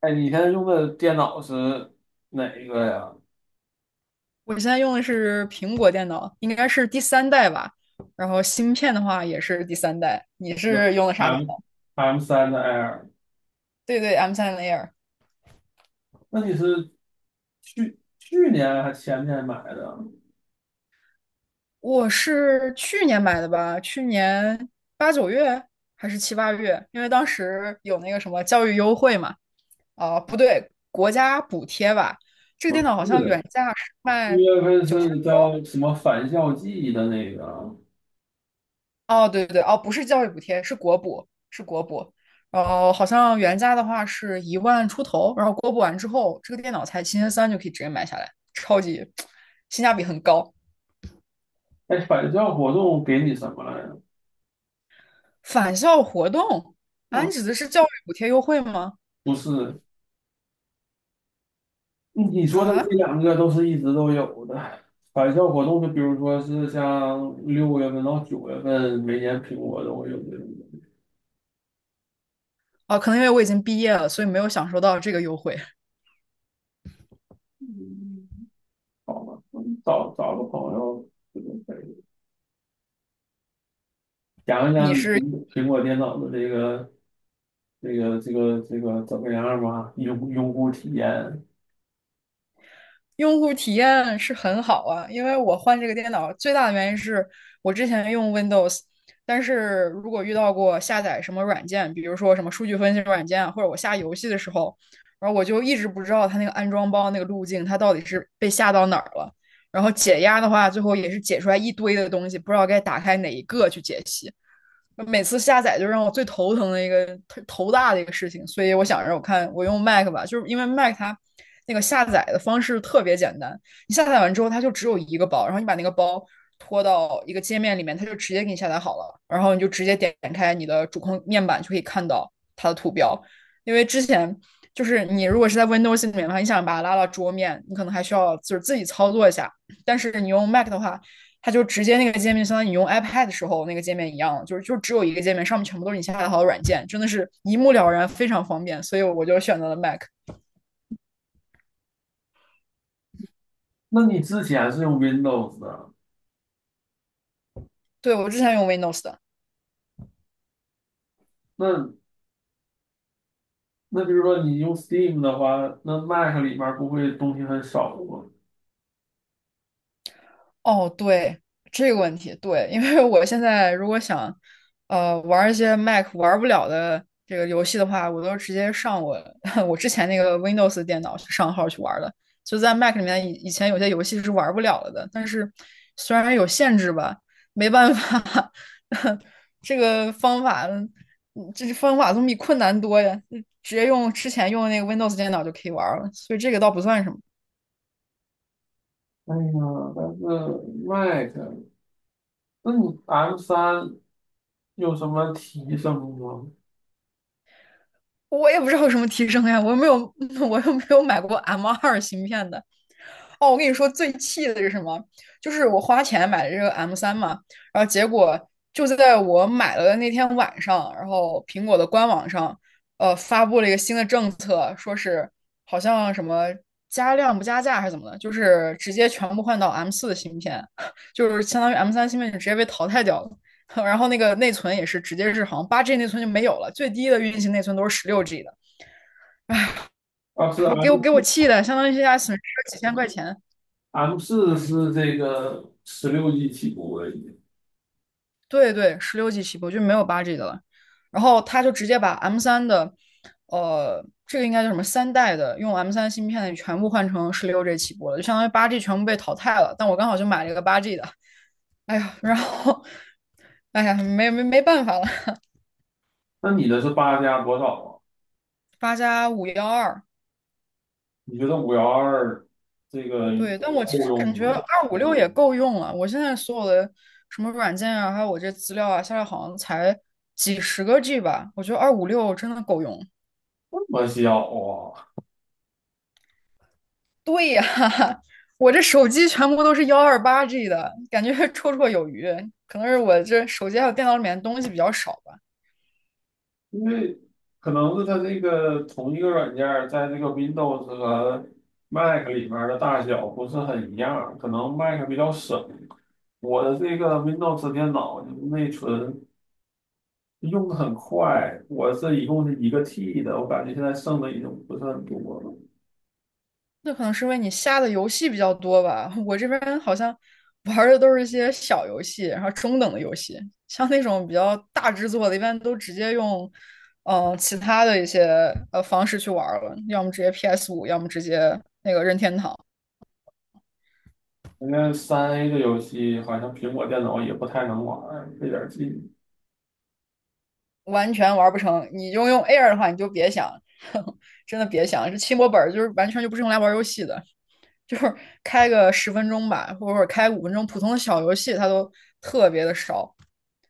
哎，你现在用的电脑是哪一个呀？我现在用的是苹果电脑，应该是第三代吧。然后芯片的话也是第三代。你那 是用的啥电 M 脑？M 三的 Air，对对，M3 Air。那你是去年还前年买的？我是去年买的吧，去年8、9月还是7、8月，因为当时有那个什么教育优惠嘛，啊、不对，国家补贴吧。这个我电脑好像原是，价是卖月份9000。是叫什么返校季的那个？哦，对对对，哦，不是教育补贴，是国补，是国补。然后好像原价的话是1万出头，然后国补完之后，这个电脑才7300就可以直接买下来，超级性价比很高。哎，返校活动给你什么来着？返校活动啊，嗯，你指的是教育补贴优惠吗？不是，你说的这啊，两个都是一直都有的。返校活动就比如说是像6月份到9月份，每年苹果都会有这种。哦，可能因为我已经毕业了，所以没有享受到这个优惠。嗯好吧，找个朋友。讲一讲你苹果电脑的这个怎么样吧？用户体验。用户体验是很好啊，因为我换这个电脑最大的原因是我之前用 Windows，但是如果遇到过下载什么软件，比如说什么数据分析软件啊或者我下游戏的时候，然后我就一直不知道它那个安装包那个路径，它到底是被下到哪儿了。然后解压的话，最后也是解出来一堆的东西，不知道该打开哪一个去解析。每次下载就让我最头疼的一个头大的一个事情，所以我想着我看我用 Mac 吧，就是因为 Mac 它那个下载的方式特别简单，你下载完之后它就只有一个包，然后你把那个包拖到一个界面里面，它就直接给你下载好了，然后你就直接点开你的主控面板就可以看到它的图标，因为之前。就是你如果是在 Windows 里面的话，你想把它拉到桌面，你可能还需要就是自己操作一下。但是你用 Mac 的话，它就直接那个界面，相当于你用 iPad 的时候那个界面一样，就是就只有一个界面，上面全部都是你下载好的软件，真的是一目了然，非常方便。所以我就选择了 Mac。那你之前是用 Windows 的，对，我之前用 Windows 的。那那就是说你用 Steam 的话，那 Mac 里面不会东西很少吗？哦，对，这个问题，对，因为我现在如果想，玩一些 Mac 玩不了的这个游戏的话，我都直接上我 我之前那个 Windows 电脑去上号去玩的。就在 Mac 里面，以前有些游戏是玩不了了的，但是虽然有限制吧，没办法，这个方法，这方法总比困难多呀。嗯直接用之前用的那个 Windows 电脑就可以玩了，所以这个倒不算什么。哎呀，但是 Mac，那你 M 三有什么提升吗？我也不知道有什么提升呀，我又没有，我又没有买过 M2芯片的。哦，我跟你说最气的是什么？就是我花钱买的这个 M 三嘛，然后结果就在我买了的那天晚上，然后苹果的官网上，发布了一个新的政策，说是好像什么加量不加价还是怎么的，就是直接全部换到 M4的芯片，就是相当于 M3芯片就直接被淘汰掉了。然后那个内存也是直接是好像八 G 内存就没有了，最低的运行内存都是十六 G 的，啊，是 我给 M 我给我四气的，相当于现在损失了几千块钱。，M 四是这个16G 起步而已。对对，十六 G 起步就没有8G 的了，然后他就直接把 M 三的，这个应该叫什么三代的用 M 三芯片的全部换成十六 G 起步了，就相当于八 G 全部被淘汰了。但我刚好就买了一个八 G 的，哎呀，然后，哎呀，没办法了，那你的是八加多少啊？8+512。你觉得512这个对，但我其够实感用觉吗？二五六也够用了。我现在所有的什么软件啊，还有我这资料啊，下来好像才几十个 G 吧。我觉得二五六真的够用。这么小啊？对呀，我这手机全部都是128G 的，感觉绰绰有余。可能是我这手机还有电脑里面的东西比较少吧。因为可能是它这个同一个软件儿在这个 Windows 和 Mac 里面的大小不是很一样，可能 Mac 比较省。我的这个 Windows 电脑内存用的很快，我是一共是一个 T 的，我感觉现在剩的已经不是很多了。那可能是因为你下的游戏比较多吧。我这边好像玩儿的都是一些小游戏，然后中等的游戏，像那种比较大制作的，一般都直接用其他的一些方式去玩儿了，要么直接 PS5，要么直接那个任天堂。因为3A 的游戏好像苹果电脑也不太能玩儿，费点劲。完全玩不成。你就用 Air 的话，你就别想，呵呵真的别想，这轻薄本就是完全就不是用来玩游戏的，就是开个10分钟吧，或者开5分钟，普通的小游戏它都特别的少，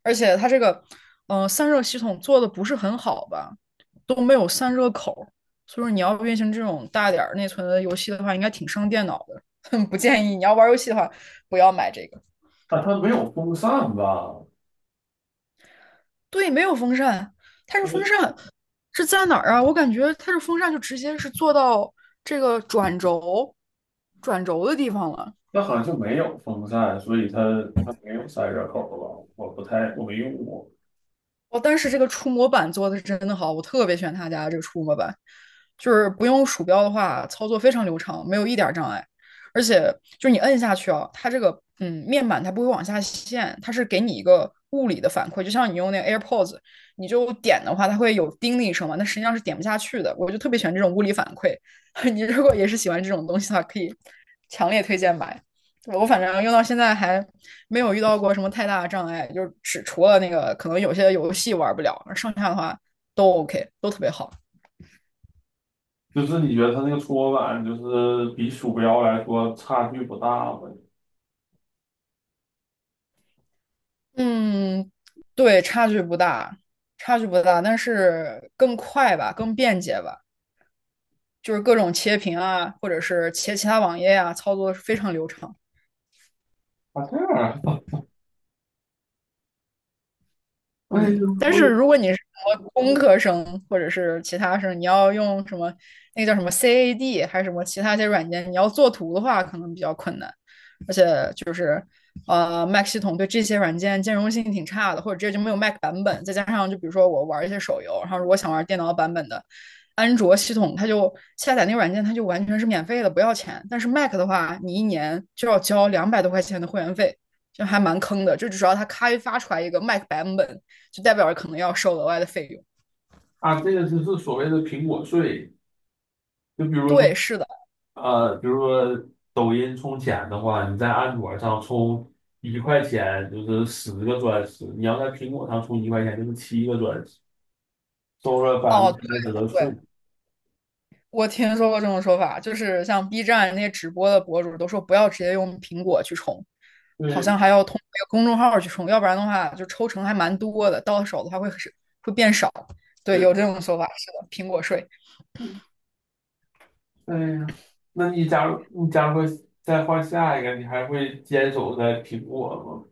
而且它这个散热系统做的不是很好吧，都没有散热口，所以说你要运行这种大点儿内存的游戏的话，应该挺伤电脑的。不建议你要玩游戏的话，不要买这个。啊，它没有风扇吧？对，没有风扇，它是风扇是在哪儿啊？我感觉它是风扇就直接是做到这个转轴的地方了。那好像就没有风扇，所以它它没有散热口儿吧？我不太我没用过。哦，但是这个触摸板做的是真的好，我特别喜欢他家的这个触摸板，就是不用鼠标的话，操作非常流畅，没有一点儿障碍。而且就是你摁下去啊，它这个面板它不会往下陷，它是给你一个物理的反馈，就像你用那个 AirPods，你就点的话，它会有叮的一声嘛，那实际上是点不下去的。我就特别喜欢这种物理反馈，你如果也是喜欢这种东西的话，可以强烈推荐买。我反正用到现在还没有遇到过什么太大的障碍，就是只除了那个可能有些游戏玩不了，剩下的话都 OK，都特别好。就是你觉得它那个搓板就是比鼠标来说差距不大吗？嗯，对，差距不大，差距不大，但是更快吧，更便捷吧，就是各种切屏啊，或者是切其他网页啊，操作是非常流畅。啊，这样啊，哎嗯，呦，但我是也如果你是什么工科生或者是其他生，你要用什么那个叫什么 CAD 还是什么其他一些软件，你要做图的话，可能比较困难。Mac 系统对这些软件兼容性挺差的，或者这就没有 Mac 版本。再加上就比如说我玩一些手游，然后如果想玩电脑版本的安卓系统，它就下载那个软件它就完全是免费的，不要钱。但是 Mac 的话，你一年就要交200多块钱的会员费。就还蛮坑的，就只要它开发出来一个 Mac 版本，就代表着可能要收额外的费用。啊，这个就是所谓的苹果税。就比如说，对，是的，呃，比如说抖音充钱的话，你在安卓上充一块钱就是10个钻石，你要在苹果上充一块钱就是七个钻石，收了百分哦，之三十对的税。对，我听说过这种说法，就是像 B站那些直播的博主都说不要直接用苹果去充，好对像还要通过公众号去充，要不然的话就抽成还蛮多的，到手的话会变少。对，对，有这种说法，是的，苹果税。对呀，那你假如说再换下一个，你还会坚守在苹果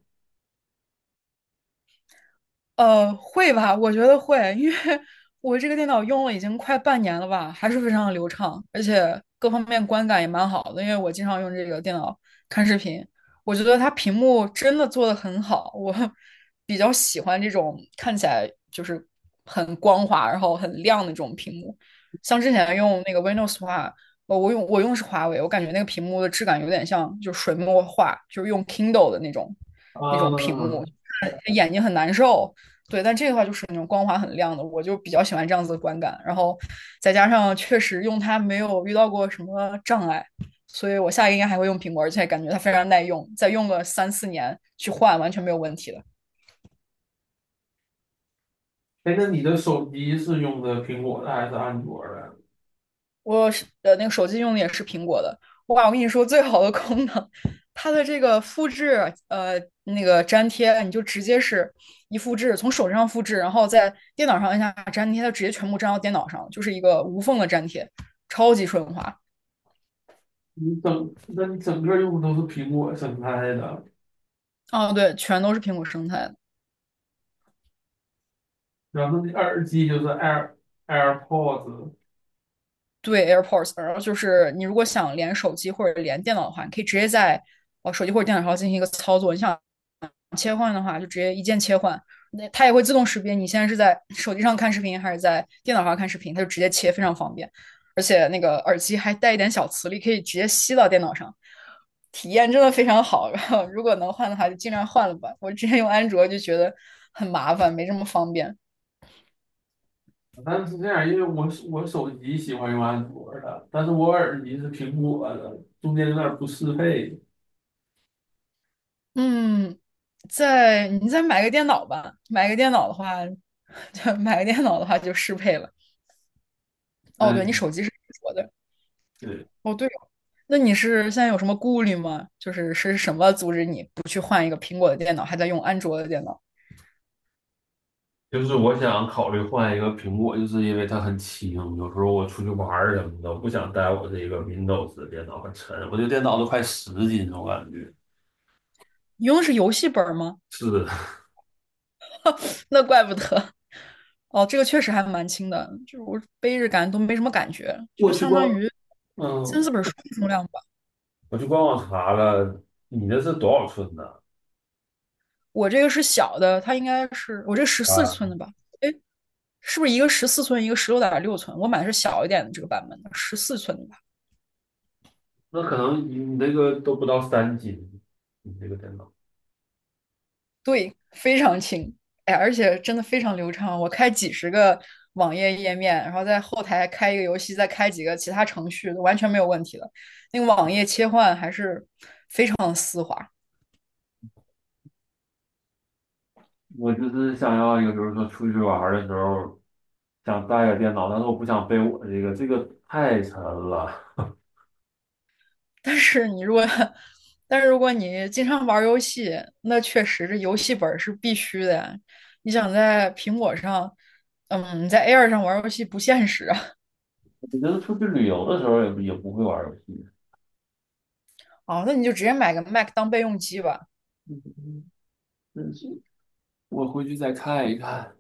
会吧？我觉得会，因为 我这个电脑用了已经快半年了吧，还是非常的流畅，而且各方面观感也蛮好的。因为我经常用这个电脑看视频，我觉得它屏幕真的做的很好，我 比较喜欢这种看起来就是很光滑，然后很亮的这种屏幕。像之前用那个 Windows 的话，我用是华为，我感觉那个屏幕的质感有点像就是水墨画，就是用 Kindle 的那种吗？那种屏啊，幕。眼睛很难受。对，但这个话就是那种光滑很亮的，我就比较喜欢这样子的观感。然后再加上确实用它没有遇到过什么障碍，所以我下一个应该还会用苹果，而且感觉它非常耐用，再用个3、4年去换完全没有问题的。哎，那你的手机是用的苹果的还是安卓的？我是那个手机用的也是苹果的，哇！我跟你说，最好的功能，它的这个复制，那个粘贴，你就直接是一复制，从手机上复制，然后在电脑上按下粘贴，它直接全部粘到电脑上，就是一个无缝的粘贴，超级顺滑。那你整个用的都是苹果生态的，哦，对，全都是苹果生态的。然后你耳机就是 AirPods，对， AirPods,然后就是你如果想连手机或者连电脑的话，你可以直接在手机或者电脑上进行一个操作。你想切换的话，就直接一键切换，那它也会自动识别你现在是在手机上看视频还是在电脑上看视频，它就直接切，非常方便。而且那个耳机还带一点小磁力，可以直接吸到电脑上，体验真的非常好。然后如果能换的话，就尽量换了吧。我之前用安卓就觉得很麻烦，没这么方便。但是这样，因为我手机喜欢用安卓的，但是我耳机是苹果的，中间有点不适配。嗯，在你再买个电脑吧，买个电脑的话，就买个电脑的话就适配了。哦，对，哎，你手机是安卓的，哦，对哦。那你是现在有什么顾虑吗？就是是什么阻止你不去换一个苹果的电脑，还在用安卓的电脑？就是我想考虑换一个苹果，就是因为它很轻，有时候我出去玩儿什么的，我不想带我这个 Windows 的电脑，很沉，我这电脑都快10斤了，我感觉。你用的是游戏本儿吗？是，那怪不得。哦，这个确实还蛮轻的，就是我背着感都没什么感觉，就我去相官，当于三嗯，四本书的重量吧。我去官网查了，你那是多少寸的我这个是小的，它应该是我这十四啊？寸的吧？哎，是不是一个十四寸，一个16.6寸？我买的是小一点的这个版本的，十四寸的。吧？那可能你那个都不到3斤，你这个电脑。对，非常轻，哎，而且真的非常流畅。我开几十个网页页面，然后在后台开一个游戏，再开几个其他程序，完全没有问题的。那个网页切换还是非常丝滑。我就是想要一个，比如说出去玩儿的时候，想带个电脑，但是我不想背我这个，这个太沉了。但是你如果，但是如果你经常玩游戏，那确实这游戏本是必须的呀。你想在苹果上，嗯，在 Air 上玩游戏不现实啊。我觉得出去旅游的时候也不会玩儿游戏。哦，那你就直接买个 Mac 当备用机吧。嗯，我回去再看一看。